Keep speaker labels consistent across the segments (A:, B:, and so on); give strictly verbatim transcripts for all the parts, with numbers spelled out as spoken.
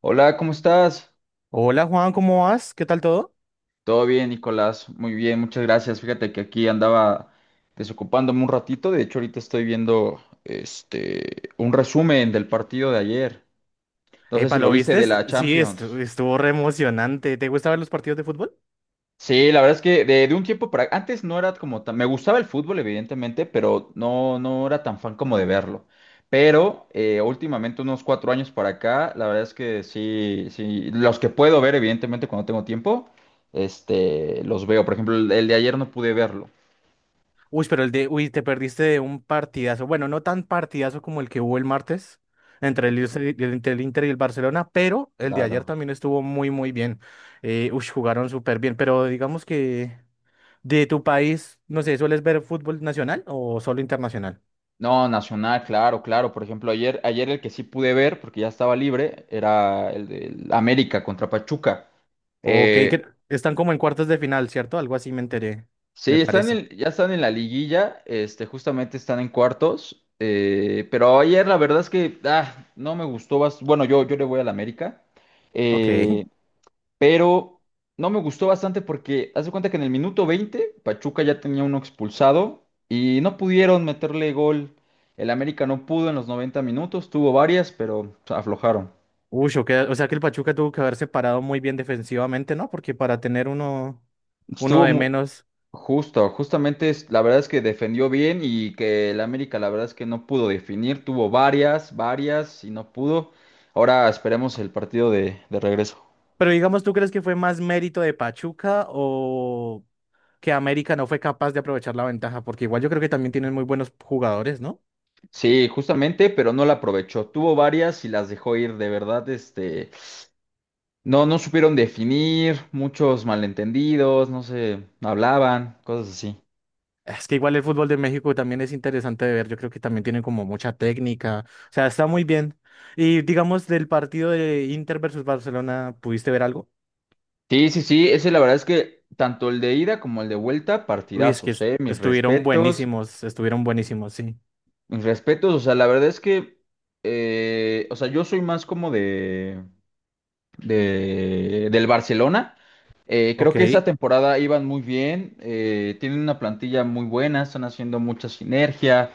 A: Hola, ¿cómo estás?
B: Hola Juan, ¿cómo vas? ¿Qué tal todo?
A: Todo bien, Nicolás. Muy bien, muchas gracias. Fíjate que aquí andaba desocupándome un ratito. De hecho, ahorita estoy viendo este un resumen del partido de ayer. No sé si
B: Epa,
A: lo
B: ¿lo
A: viste
B: viste?
A: de la
B: Sí,
A: Champions.
B: estu- estuvo re emocionante. ¿Te gusta ver los partidos de fútbol?
A: Sí, la verdad es que de, de un tiempo para antes no era como tan, me gustaba el fútbol evidentemente, pero no, no era tan fan como de verlo. Pero eh, últimamente unos cuatro años para acá, la verdad es que sí, sí, los que puedo ver evidentemente cuando tengo tiempo, este, los veo. Por ejemplo, el, el de ayer no pude verlo.
B: Uy, pero el de, uy, te perdiste de un partidazo. Bueno, no tan partidazo como el que hubo el martes entre el,
A: Ok.
B: Inter y el Inter- el Inter y el Barcelona, pero el de ayer
A: Claro.
B: también estuvo muy, muy bien. Eh, uy, jugaron súper bien, pero digamos que de tu país, no sé, ¿sueles ver fútbol nacional o solo internacional?
A: No, Nacional, claro, claro. Por ejemplo, ayer, ayer el que sí pude ver, porque ya estaba libre, era el de América contra Pachuca.
B: Ok,
A: Eh,
B: que están como en cuartos de final, ¿cierto? Algo así me enteré,
A: Sí,
B: me
A: están
B: parece.
A: en- ya están en la liguilla, este, justamente están en cuartos, eh, pero ayer la verdad es que ah, no me gustó, bas- bueno, yo, yo le voy al América,
B: Ok.
A: eh, pero no me gustó bastante porque haz de cuenta que en el minuto veinte Pachuca ya tenía uno expulsado y no pudieron meterle gol, el América no pudo en los noventa minutos, tuvo varias, pero aflojaron.
B: Uy, o, que- o sea que el Pachuca tuvo que haber separado muy bien defensivamente, ¿no? Porque para tener uno, uno
A: Estuvo,
B: de
A: mu-
B: menos.
A: Justo, justamente es, la verdad es que defendió bien y que el América la verdad es que no pudo definir, tuvo varias, varias y no pudo. Ahora esperemos el partido de, de regreso.
B: Pero digamos, ¿tú crees que fue más mérito de Pachuca o que América no fue capaz de aprovechar la ventaja? Porque igual yo creo que también tienen muy buenos jugadores, ¿no?
A: Sí, justamente, pero no la aprovechó. Tuvo varias y las dejó ir, de verdad, este, no, no supieron definir, muchos malentendidos, no se hablaban, cosas así.
B: Es que igual el fútbol de México también es interesante de ver. Yo creo que también tienen como mucha técnica. O sea, está muy bien. Y digamos, del partido de Inter versus Barcelona, ¿pudiste ver algo?
A: Sí, sí, sí, ese la verdad es que tanto el de ida como el de vuelta,
B: Uy, es que
A: partidazos,
B: est-
A: eh, mis
B: estuvieron
A: respetos.
B: buenísimos, estuvieron buenísimos, sí.
A: Mis respetos, o sea, la verdad es que, eh, o sea, yo soy más como de, de- del Barcelona. Eh, creo
B: Ok.
A: que esa temporada iban muy bien, eh, tienen una plantilla muy buena, están haciendo mucha sinergia,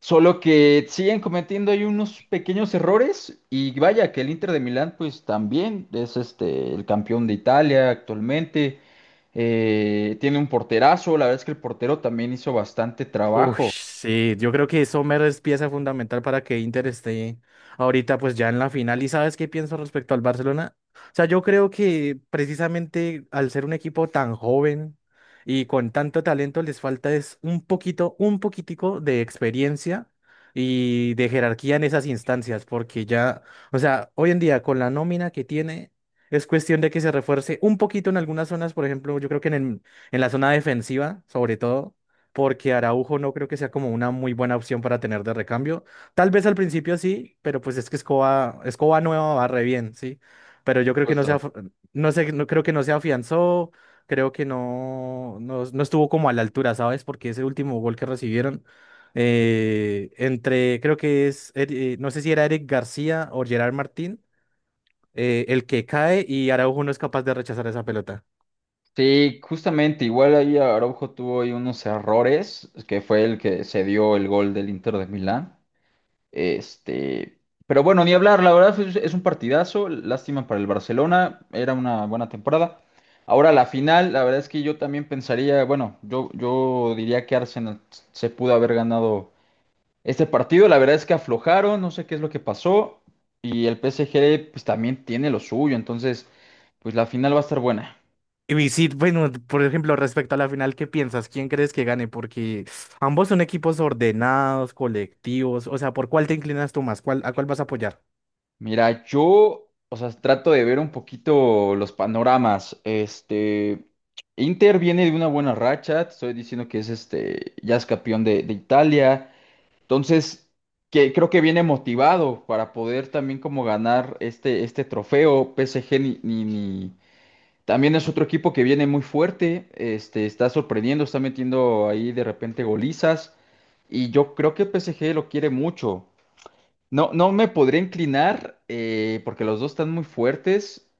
A: solo que siguen cometiendo ahí unos pequeños errores y vaya que el Inter de Milán pues también es este el campeón de Italia actualmente, eh, tiene un porterazo, la verdad es que el portero también hizo bastante
B: Uy,
A: trabajo.
B: sí, yo creo que Sommer es pieza fundamental para que Inter esté ahorita pues ya en la final. ¿Y sabes qué pienso respecto al Barcelona? O sea, yo creo que precisamente al ser un equipo tan joven y con tanto talento les falta es un poquito, un poquitico de experiencia y de jerarquía en esas instancias, porque ya, o sea, hoy en día con la nómina que tiene es cuestión de que se refuerce un poquito en algunas zonas, por ejemplo, yo creo que en el- en la zona defensiva, sobre todo porque Araujo no creo que sea como una muy buena opción para tener de recambio. Tal vez al principio sí, pero pues es que Escoba, Escoba nueva va re bien, sí. Pero yo creo que no se,
A: Justo.
B: af- no sé, no creo que no se afianzó, creo que no, no, no estuvo como a la altura, ¿sabes? Porque ese último gol que recibieron eh, entre, creo que es, Eri- eh, no sé si era Eric García o Gerard Martín, eh, el que cae y Araujo no es capaz de rechazar esa pelota.
A: Sí, justamente, igual ahí Araujo tuvo ahí unos errores, que fue el que se dio el gol del Inter de Milán. Este, pero bueno, ni hablar, la verdad es, es un partidazo, lástima para el Barcelona, era una buena temporada. Ahora la final, la verdad es que yo también pensaría, bueno, yo, yo diría que Arsenal se pudo haber ganado este partido, la verdad es que aflojaron, no sé qué es lo que pasó, y el P S G pues también tiene lo suyo, entonces pues la final va a estar buena.
B: Y sí, bueno, por ejemplo, respecto a la final, ¿qué piensas? ¿Quién crees que gane? Porque ambos son equipos ordenados, colectivos. O sea, ¿por cuál te inclinas tú más? ¿Cuál, ¿a cuál vas a apoyar?
A: Mira, yo, o sea, trato de ver un poquito los panoramas. Este, Inter viene de una buena racha, te estoy diciendo que es este, ya es campeón de, de Italia, entonces, que creo que viene motivado para poder también como ganar este, este trofeo. P S G ni, ni, ni- también es otro equipo que viene muy fuerte, este, está sorprendiendo, está metiendo ahí de repente golizas. Y yo creo que el P S G lo quiere mucho. No, no me podría inclinar, eh, porque los dos están muy fuertes.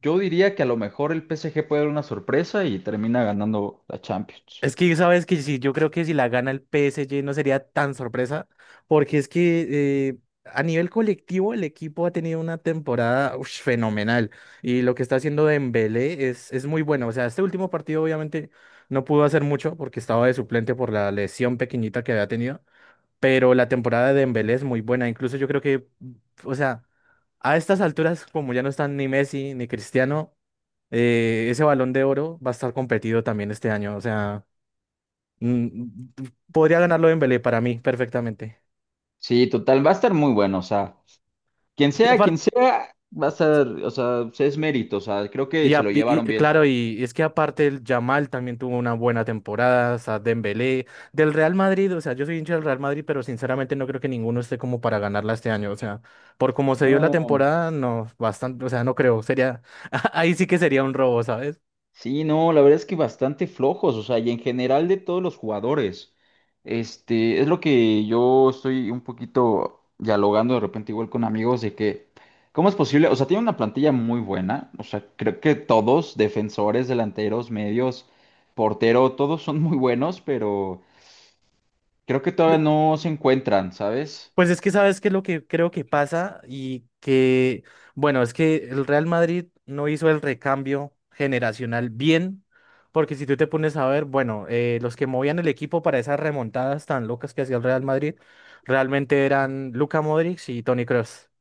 A: Yo diría que a lo mejor el P S G puede dar una sorpresa y termina ganando la Champions.
B: Es que sabes que sí, yo creo que si la gana el P S G no sería tan sorpresa, porque es que eh, a nivel colectivo el equipo ha tenido una temporada ush, fenomenal y lo que está haciendo Dembélé es, es muy bueno. O sea, este último partido obviamente no pudo hacer mucho porque estaba de suplente por la lesión pequeñita que había tenido. Pero la temporada de Dembélé es muy buena. Incluso yo creo que, o sea, a estas alturas, como ya no están ni Messi ni Cristiano, eh, ese Balón de Oro va a estar competido también este año. O sea, mm, podría ganarlo Dembélé para mí perfectamente.
A: Sí, total, va a estar muy bueno. O sea, quien
B: Y
A: sea, quien
B: aparte,
A: sea, va a estar, o sea, sí es mérito. O sea, creo que
B: Y,
A: se
B: a-
A: lo
B: y-
A: llevaron
B: y,
A: bien.
B: claro, y es que aparte el Yamal también tuvo una buena temporada, o sea, Dembélé, del Real Madrid, o sea, yo soy hincha del Real Madrid, pero sinceramente no creo que ninguno esté como para ganarla este año, o sea, por como se dio la
A: No.
B: temporada, no, bastante, o sea, no creo, sería, ahí sí que sería un robo, ¿sabes?
A: Sí, no, la verdad es que bastante flojos, o sea, y en general de todos los jugadores. Este, es lo que yo estoy un poquito dialogando de repente igual con amigos de que, ¿cómo es posible? O sea, tiene una plantilla muy buena, o sea, creo que todos, defensores, delanteros, medios, portero, todos son muy buenos, pero creo que todavía no se encuentran, ¿sabes?
B: Pues es que sabes qué es lo que creo que pasa y que, bueno, es que el Real Madrid no hizo el recambio generacional bien, porque si tú te pones a ver, bueno, eh, los que movían el equipo para esas remontadas tan locas que hacía el Real Madrid, realmente eran Luka Modric y Toni Kroos.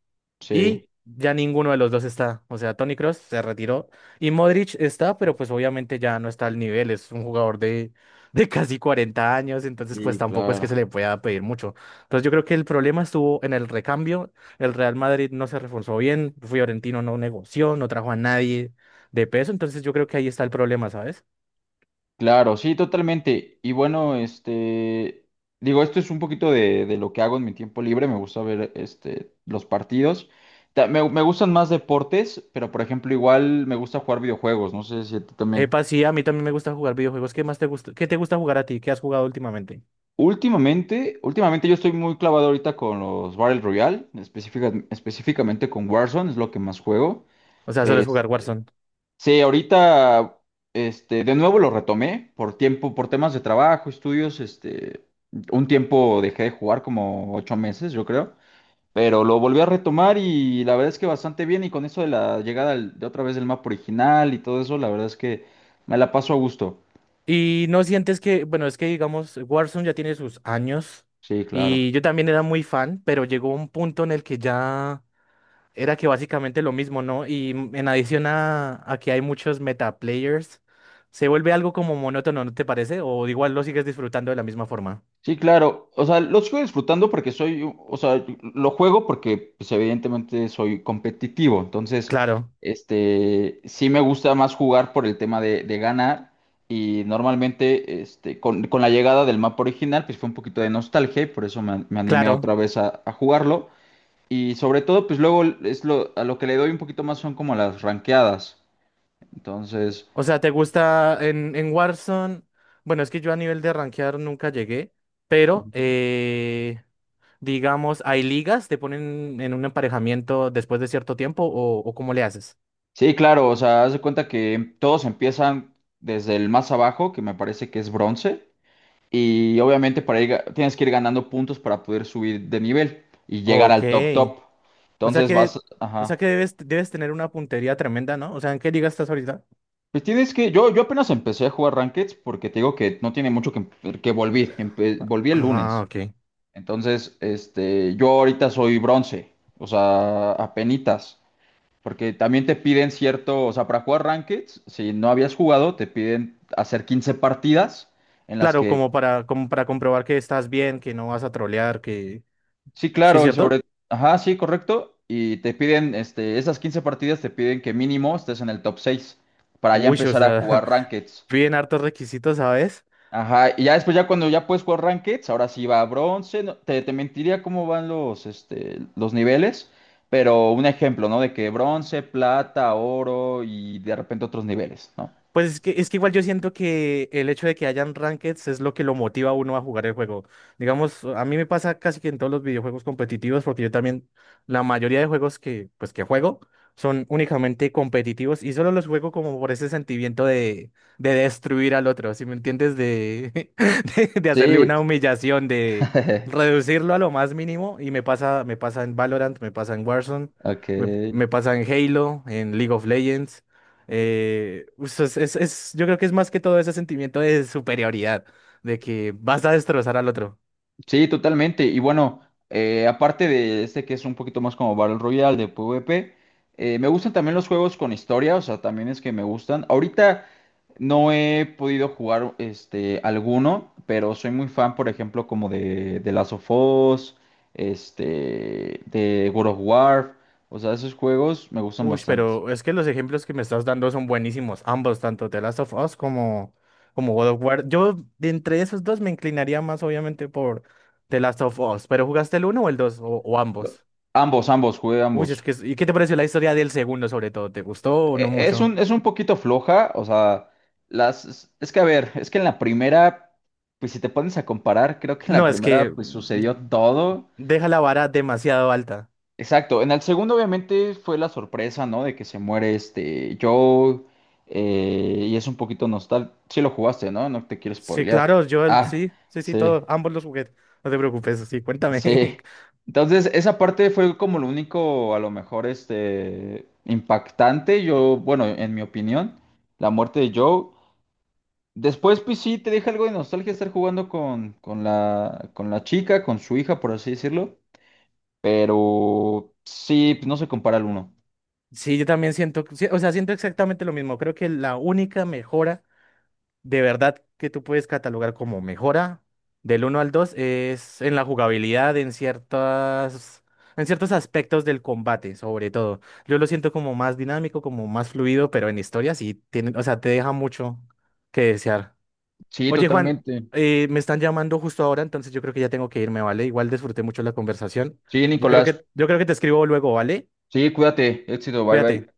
B: Y
A: Sí,
B: ya ninguno de los dos está. O sea, Toni Kroos se retiró y Modric está, pero pues obviamente ya no está al nivel. Es un jugador de, de casi cuarenta años, entonces pues
A: sí,
B: tampoco es que
A: claro.
B: se le pueda pedir mucho. Entonces yo creo que el problema estuvo en el recambio. El Real Madrid no se reforzó bien, Fiorentino no negoció, no trajo a nadie de peso, entonces yo creo que ahí está el problema, ¿sabes?
A: Claro, sí, totalmente. Y bueno, este, digo, esto es un poquito de, de lo que hago en mi tiempo libre. Me gusta ver, este, los partidos. Ta- Me, me gustan más deportes, pero por ejemplo, igual me gusta jugar videojuegos. No sé si a ti también.
B: Epa, sí, a mí también me gusta jugar videojuegos. ¿Qué más te gusta? ¿Qué te gusta jugar a ti? ¿Qué has jugado últimamente?
A: Últimamente, últimamente yo estoy muy clavado ahorita con los Battle Royale, específica- específicamente con Warzone, es lo que más juego.
B: O sea, ¿sueles jugar Warzone?
A: Sí, ahorita, este, de nuevo lo retomé por tiempo, por temas de trabajo, estudios, este, un tiempo dejé de jugar como ocho meses, yo creo, pero lo volví a retomar y la verdad es que bastante bien y con eso de la llegada al- de otra vez del mapa original y todo eso, la verdad es que me la paso a gusto.
B: Y no sientes que, bueno, es que digamos, Warzone ya tiene sus años
A: Sí,
B: y
A: claro.
B: yo también era muy fan, pero llegó un punto en el que ya era que básicamente lo mismo, ¿no? Y m- en adición a, a que hay muchos meta players, se vuelve algo como monótono, ¿no te parece? O igual lo sigues disfrutando de la misma forma.
A: Sí, claro. O sea, lo sigo disfrutando porque soy, u- o sea, lo juego porque, pues, evidentemente soy competitivo. Entonces,
B: Claro,
A: este, sí me gusta más jugar por el tema de, de ganar. Y normalmente, este, con, con la llegada del mapa original, pues fue un poquito de nostalgia y por eso me, me animé
B: claro.
A: otra vez a, a jugarlo. Y sobre todo, pues luego es lo, a lo que le doy un poquito más son como las ranqueadas. Entonces.
B: O sea, ¿te gusta en, en Warzone? Bueno, es que yo a nivel de rankear nunca llegué, pero... Eh... Digamos, ¿hay ligas? ¿Te ponen en un emparejamiento después de cierto tiempo o, o cómo le haces?
A: Sí, claro, o sea, haz de cuenta que todos empiezan desde el más abajo, que me parece que es bronce, y obviamente para ir, ga- tienes que ir ganando puntos para poder subir de nivel y llegar
B: Ok.
A: al top top.
B: O sea
A: Entonces
B: que,
A: vas,
B: o sea
A: ajá.
B: que debes, debes tener una puntería tremenda, ¿no? O sea, ¿en qué liga estás ahorita?
A: Pues tienes que, yo, yo apenas empecé a jugar Rankeds porque te digo que no tiene mucho que, empe- que volví, empe- volví el
B: Ah,
A: lunes.
B: ok.
A: Entonces, este, yo ahorita soy bronce, o sea, apenitas. Porque también te piden cierto, o sea, para jugar Rankeds, si no habías jugado, te piden hacer quince partidas en las
B: Claro,
A: que,
B: como para, como para comprobar que estás bien, que no vas a trolear, que...
A: sí,
B: ¿Sí,
A: claro, y sobre,
B: cierto?
A: ajá, sí, correcto, y te piden, este, esas quince partidas te piden que mínimo estés en el top seis para ya
B: Uy, o
A: empezar a
B: sea,
A: jugar Rankeds.
B: piden hartos requisitos, ¿sabes?
A: Ajá, y ya después, ya cuando ya puedes jugar Rankeds, ahora sí va a bronce, no- te, te mentiría cómo van los, este, los niveles, pero un ejemplo, ¿no? De que bronce, plata, oro y de repente otros niveles, ¿no?
B: Pues es que, es que igual yo siento que el hecho de que hayan rankeds es lo que lo motiva a uno a jugar el juego. Digamos, a mí me pasa casi que en todos los videojuegos competitivos, porque yo también, la mayoría de juegos que, pues, que juego son únicamente competitivos y solo los juego como por ese sentimiento de, de destruir al otro, ¿si me entiendes? De, de, de hacerle
A: Sí.
B: una humillación, de reducirlo a lo más mínimo. Y me pasa, me pasa en Valorant, me pasa en Warzone, me,
A: Ok.
B: me pasa en Halo, en League of Legends. Eh, us- es, es- es- yo creo que es más que todo ese sentimiento de superioridad, de que vas a destrozar al otro.
A: Sí, totalmente. Y bueno, eh, aparte de este que es un poquito más como Battle Royale de PvP, eh, me gustan también los juegos con historia, o sea, también es que me gustan. Ahorita no he podido jugar este alguno, pero soy muy fan, por ejemplo, como de, de Last of Us, este, de World of War. O sea, esos juegos me gustan
B: Uy,
A: bastante.
B: pero es que los ejemplos que me estás dando son buenísimos, ambos, tanto The Last of Us como, como God of War. Yo, de entre esos dos, me inclinaría más, obviamente, por The Last of Us. ¿Pero jugaste el uno o el dos? O, o
A: Lo-
B: ambos.
A: Ambos, ambos, jugué
B: Uy, es
A: ambos.
B: que, es- ¿y qué te pareció la historia del segundo, sobre todo? ¿Te gustó o no
A: E- Es
B: mucho?
A: un, es un poquito floja, o sea, las, es que a ver, es que en la primera, pues si te pones a comparar, creo que en la
B: No, es
A: primera
B: que
A: pues sucedió
B: mm,
A: todo.
B: deja la vara demasiado alta.
A: Exacto, en el segundo obviamente fue la sorpresa, ¿no? De que se muere este Joe, eh, y es un poquito nostal. Sí lo jugaste, ¿no? No te quiero
B: Sí,
A: spoilear.
B: claro, yo el-
A: Ah,
B: sí, sí, sí,
A: sí,
B: todo, ambos los jugué. No te preocupes, sí, cuéntame.
A: sí. Entonces, esa parte fue como lo único, a lo mejor, este, impactante, yo, bueno, en mi opinión, la muerte de Joe. Después, pues sí, te deja algo de nostalgia estar jugando con, con la, con la chica, con su hija, por así decirlo. Pero sí, pues, no se compara al uno.
B: Sí, yo también siento, que- sí, o sea, siento exactamente lo mismo. Creo que la única mejora de verdad que tú puedes catalogar como mejora del uno al dos es en la jugabilidad, en ciertas, en ciertos aspectos del combate, sobre todo. Yo lo siento como más dinámico, como más fluido, pero en historia sí tiene, o sea, te deja mucho que desear.
A: Sí,
B: Oye, Juan,
A: totalmente.
B: eh, me están llamando justo ahora, entonces yo creo que ya tengo que irme, ¿vale? Igual disfruté mucho la conversación.
A: Sí,
B: Yo creo
A: Nicolás.
B: que, yo creo que te escribo luego, ¿vale?
A: Sí, cuídate. Éxito. Bye,
B: Cuídate.
A: bye.